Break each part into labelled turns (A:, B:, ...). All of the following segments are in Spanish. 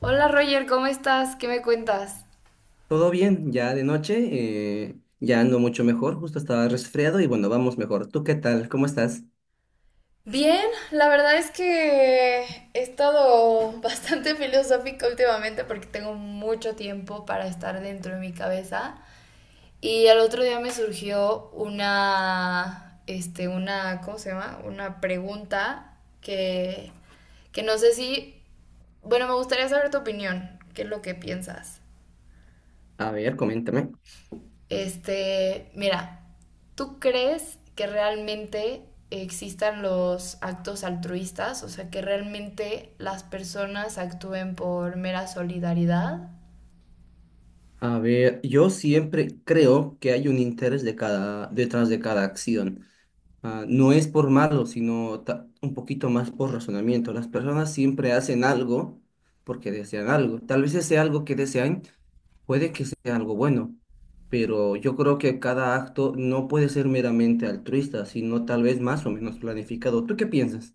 A: Hola Roger, ¿cómo estás? ¿Qué me cuentas?
B: Todo bien, ya de noche, ya ando mucho mejor, justo estaba resfriado y bueno, vamos mejor. ¿Tú qué tal? ¿Cómo estás?
A: Bien, la verdad es que he estado bastante filosófica últimamente porque tengo mucho tiempo para estar dentro de mi cabeza y al otro día me surgió una, una, ¿cómo se llama? Una pregunta que no sé si, bueno, me gustaría saber tu opinión, qué es lo que piensas.
B: A ver, coméntame.
A: Mira, ¿tú crees que realmente existan los actos altruistas? O sea, que realmente las personas actúen por mera solidaridad.
B: A ver, yo siempre creo que hay un interés de cada, detrás de cada acción. No es por malo, sino un poquito más por razonamiento. Las personas siempre hacen algo porque desean algo. Tal vez ese algo que desean puede que sea algo bueno, pero yo creo que cada acto no puede ser meramente altruista, sino tal vez más o menos planificado. ¿Tú qué piensas?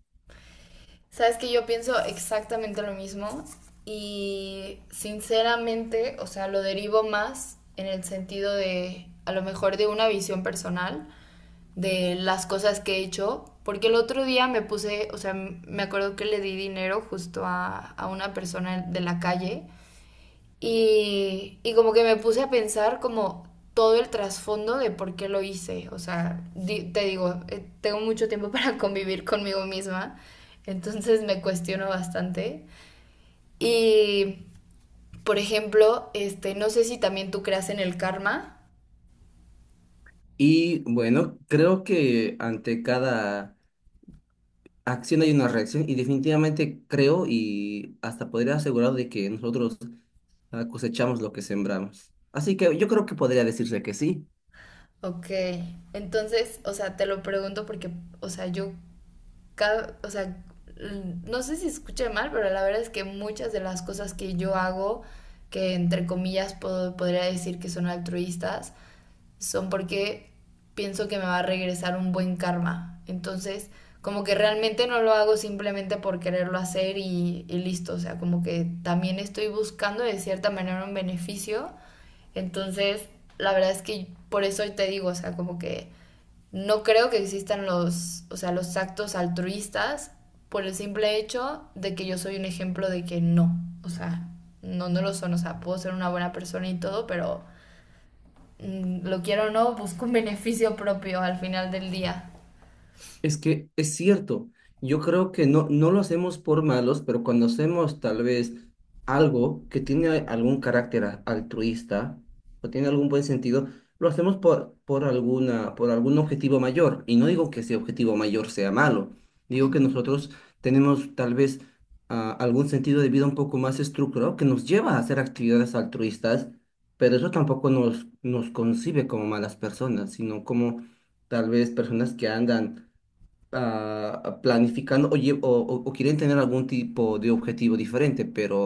A: Sabes que yo pienso exactamente lo mismo y sinceramente, o sea, lo derivo más en el sentido de a lo mejor de una visión personal de las cosas que he hecho, porque el otro día me puse, o sea, me acuerdo que le di dinero justo a una persona de la calle y como que me puse a pensar como todo el trasfondo de por qué lo hice, o sea, te digo, tengo mucho tiempo para convivir conmigo misma, entonces me cuestiono bastante. Y, por ejemplo, no sé si también tú creas en el karma.
B: Y bueno, creo que ante cada acción hay una reacción y definitivamente creo y hasta podría asegurar de que nosotros cosechamos lo que sembramos. Así que yo creo que podría decirse que sí.
A: Ok, entonces, o sea, te lo pregunto porque, o sea, yo cada, o sea, no sé si escuché mal, pero la verdad es que muchas de las cosas que yo hago, que entre comillas podría decir que son altruistas, son porque pienso que me va a regresar un buen karma. Entonces, como que realmente no lo hago simplemente por quererlo hacer y listo. O sea, como que también estoy buscando de cierta manera un beneficio. Entonces, la verdad es que por eso te digo, o sea, como que no creo que existan o sea, los actos altruistas por el simple hecho de que yo soy un ejemplo de que no, o sea, no lo son, o sea, puedo ser una buena persona y todo, pero lo quiero o no, busco un beneficio propio al final del día.
B: Es que es cierto, yo creo que no, no lo hacemos por malos, pero cuando hacemos tal vez algo que tiene algún carácter altruista o tiene algún buen sentido, lo hacemos por alguna, por algún objetivo mayor. Y no digo que ese objetivo mayor sea malo, digo
A: Ujú,
B: que nosotros tenemos tal vez algún sentido de vida un poco más estructurado que nos lleva a hacer actividades altruistas, pero eso tampoco nos, nos concibe como malas personas, sino como tal vez personas que andan planificando o, lle- o quieren tener algún tipo de objetivo diferente,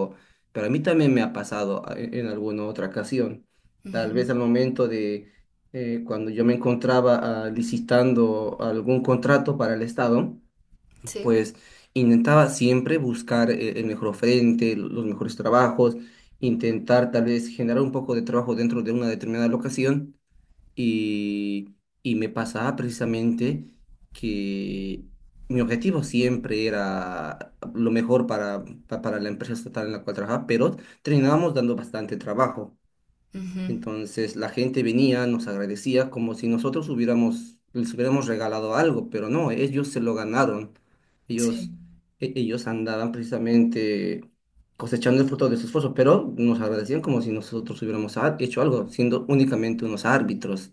B: pero a mí también me ha pasado en alguna otra ocasión. Tal
A: ujú.
B: vez al momento de cuando yo me encontraba licitando algún contrato para el Estado,
A: Sí,
B: pues intentaba siempre buscar el mejor frente, los mejores trabajos, intentar tal vez generar un poco de trabajo dentro de una determinada locación y, y me pasaba precisamente que mi objetivo siempre era lo mejor para, para la empresa estatal en la cual trabajaba, pero terminábamos dando bastante trabajo.
A: ujú,
B: Entonces la gente venía, nos agradecía como si nosotros hubiéramos, les hubiéramos regalado algo, pero no, ellos se lo ganaron.
A: sí,
B: Ellos, ellos andaban precisamente cosechando el fruto de su esfuerzo, pero nos agradecían como si nosotros hubiéramos hecho algo, siendo únicamente unos árbitros.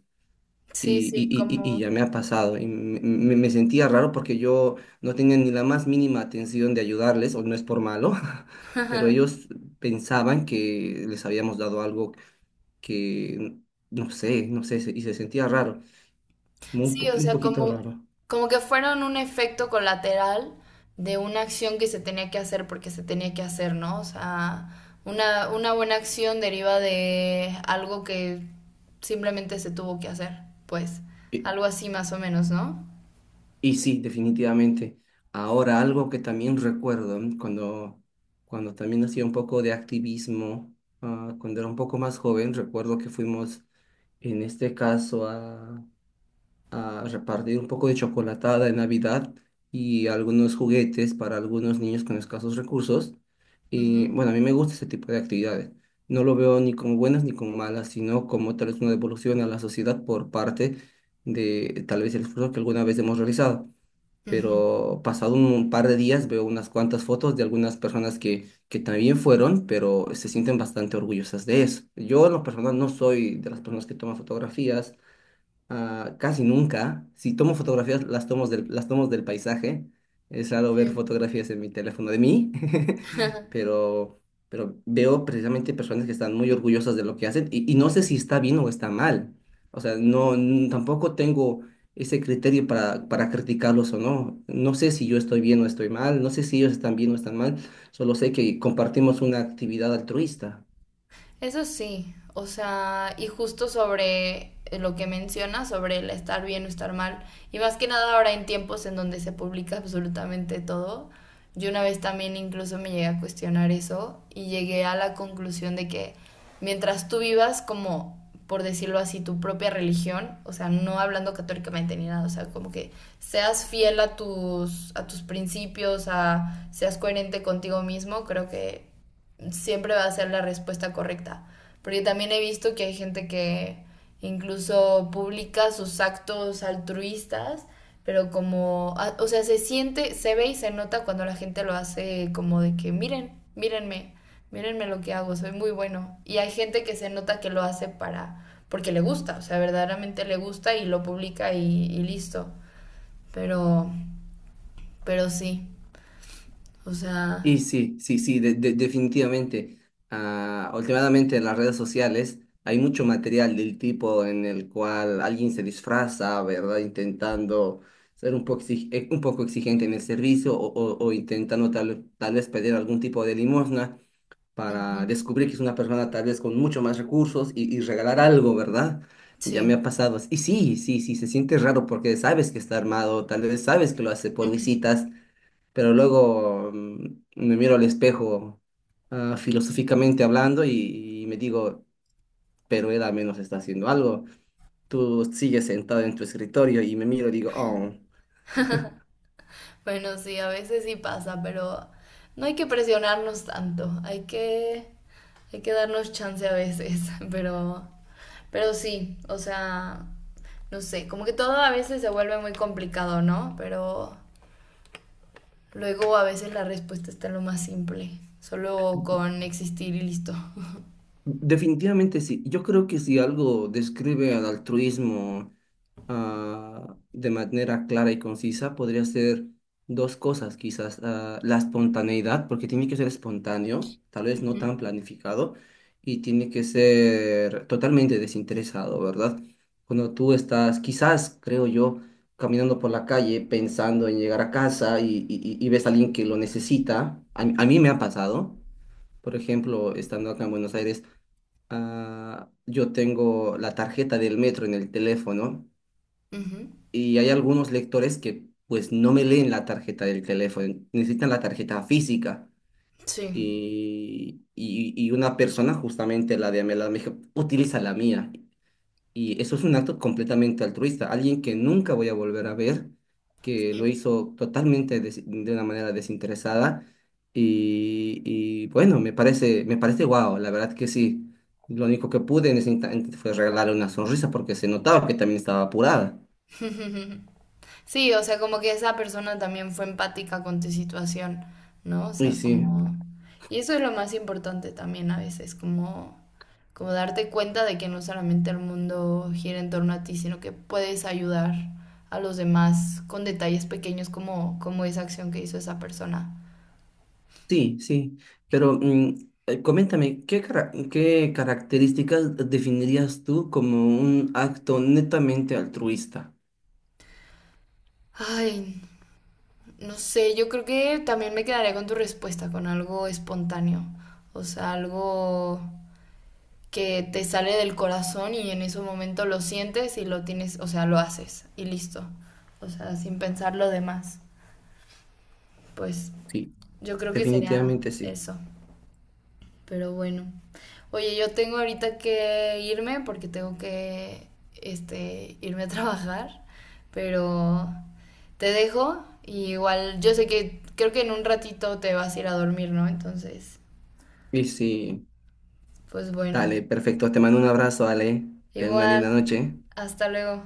A: sí,
B: Y, y,
A: sí,
B: y, y y ya
A: como...
B: me ha pasado. Y me sentía raro porque yo no tenía ni la más mínima atención de ayudarles, o no es por malo, pero ellos pensaban que les habíamos dado algo que no sé, no sé, y se sentía raro, como
A: Sí, o
B: un
A: sea,
B: poquito raro.
A: como que fueron un efecto colateral de una acción que se tenía que hacer porque se tenía que hacer, ¿no? O sea, una buena acción deriva de algo que simplemente se tuvo que hacer, pues,
B: Y,
A: algo así más o menos, ¿no?
B: y sí, definitivamente. Ahora, algo que también recuerdo ¿m? Cuando, cuando también hacía un poco de activismo, cuando era un poco más joven, recuerdo que fuimos en este caso a repartir un poco de chocolatada de Navidad y algunos juguetes para algunos niños con escasos recursos. Y
A: Ujú,
B: bueno, a mí me gusta ese tipo de actividades. No lo veo ni como buenas ni como malas, sino como tal vez una devolución a la sociedad por parte de tal vez el esfuerzo que alguna vez hemos realizado.
A: ujú,
B: Pero pasado un par de días veo unas cuantas fotos de algunas personas que también fueron, pero se sienten bastante orgullosas de eso. Yo en lo personal no soy de las personas que toman fotografías. Casi nunca. Si tomo fotografías, las tomo las tomo del paisaje. Es raro ver
A: sí.
B: fotografías en mi teléfono de mí, pero, pero veo precisamente personas que están muy orgullosas de lo que hacen y no sé si está bien o está mal. O sea, tampoco tengo ese criterio para criticarlos o no. No sé si yo estoy bien o estoy mal, no sé si ellos están bien o están mal, solo sé que compartimos una actividad altruista.
A: Eso sí, o sea, y justo sobre lo que menciona, sobre el estar bien o estar mal, y más que nada ahora en tiempos en donde se publica absolutamente todo, yo una vez también incluso me llegué a cuestionar eso y llegué a la conclusión de que mientras tú vivas como, por decirlo así, tu propia religión, o sea, no hablando católicamente ni nada, o sea, como que seas fiel a a tus principios, a, seas coherente contigo mismo, creo que siempre va a ser la respuesta correcta. Porque también he visto que hay gente que incluso publica sus actos altruistas, pero como, ah, o sea, se siente, se ve y se nota cuando la gente lo hace como de que miren, mírenme, mírenme lo que hago, soy muy bueno. Y hay gente que se nota que lo hace porque le gusta, o sea, verdaderamente le gusta y lo publica y listo. Pero, pero sí, o
B: Y
A: sea,
B: sí, sí, sí, definitivamente. Últimamente en las redes sociales hay mucho material del tipo en el cual alguien se disfraza, ¿verdad? Intentando ser un poco, un poco exigente en el servicio o o intentando tal vez pedir algún tipo de limosna para
A: ujú,
B: descubrir que es una persona tal vez con mucho más recursos y regalar algo, ¿verdad? Ya me ha
A: sí.
B: pasado. Y sí, sí, sí, se siente raro porque sabes que está armado, tal vez sabes que lo hace por
A: Ujú.
B: visitas, pero luego me miro al espejo filosóficamente hablando y me digo, pero él al menos está haciendo algo. Tú sigues sentado en tu escritorio y me miro y digo, oh,
A: Bueno, sí, a veces sí pasa, pero no hay que presionarnos tanto, hay hay que darnos chance a veces, pero, pero sí, o sea, no sé, como que todo a veces se vuelve muy complicado, ¿no? Pero luego a veces la respuesta está en lo más simple, solo con existir y listo.
B: definitivamente sí. Yo creo que si algo describe al altruismo de manera clara y concisa podría ser dos cosas, quizás la espontaneidad, porque tiene que ser espontáneo, tal vez no
A: Ujú.
B: tan planificado, y tiene que ser totalmente desinteresado, ¿verdad? Cuando tú estás, quizás, creo yo, caminando por la calle pensando en llegar a casa y, ves a alguien que lo necesita, a mí me ha pasado, por ejemplo, estando acá en Buenos Aires. Yo tengo la tarjeta del metro en el teléfono
A: Ujú,
B: y hay algunos lectores que pues no me leen la tarjeta del teléfono, necesitan la tarjeta física
A: sí.
B: y una persona justamente la de Amela me dijo, utiliza la mía, y eso es un acto completamente altruista, alguien que nunca voy a volver a ver, que lo
A: Sí.
B: hizo de una manera desinteresada y bueno, me parece guau, la verdad que sí. Lo único que pude en ese instante fue regalarle una sonrisa porque se notaba que también estaba apurada.
A: Sí, o sea, como que esa persona también fue empática con tu situación, ¿no? O
B: Y
A: sea,
B: sí.
A: como... Y eso es lo más importante también a veces, como, como darte cuenta de que no solamente el mundo gira en torno a ti, sino que puedes ayudar a los demás con detalles pequeños como, como esa acción que hizo esa persona.
B: Sí, sí, pero coméntame, ¿qué características definirías tú como un acto netamente altruista?
A: Ay, no sé, yo creo que también me quedaría con tu respuesta, con algo espontáneo, o sea, algo que te sale del corazón y en ese momento lo sientes y lo tienes, o sea, lo haces y listo. O sea, sin pensar lo demás. Pues
B: Sí,
A: yo creo que sería
B: definitivamente sí.
A: eso. Pero bueno. Oye, yo tengo ahorita que irme porque tengo que irme a trabajar, pero te dejo y igual yo sé que creo que en un ratito te vas a ir a dormir, ¿no? Entonces,
B: Y sí,
A: pues bueno.
B: dale, perfecto, te mando un abrazo, Ale, ten una
A: Igual,
B: linda noche.
A: hasta luego.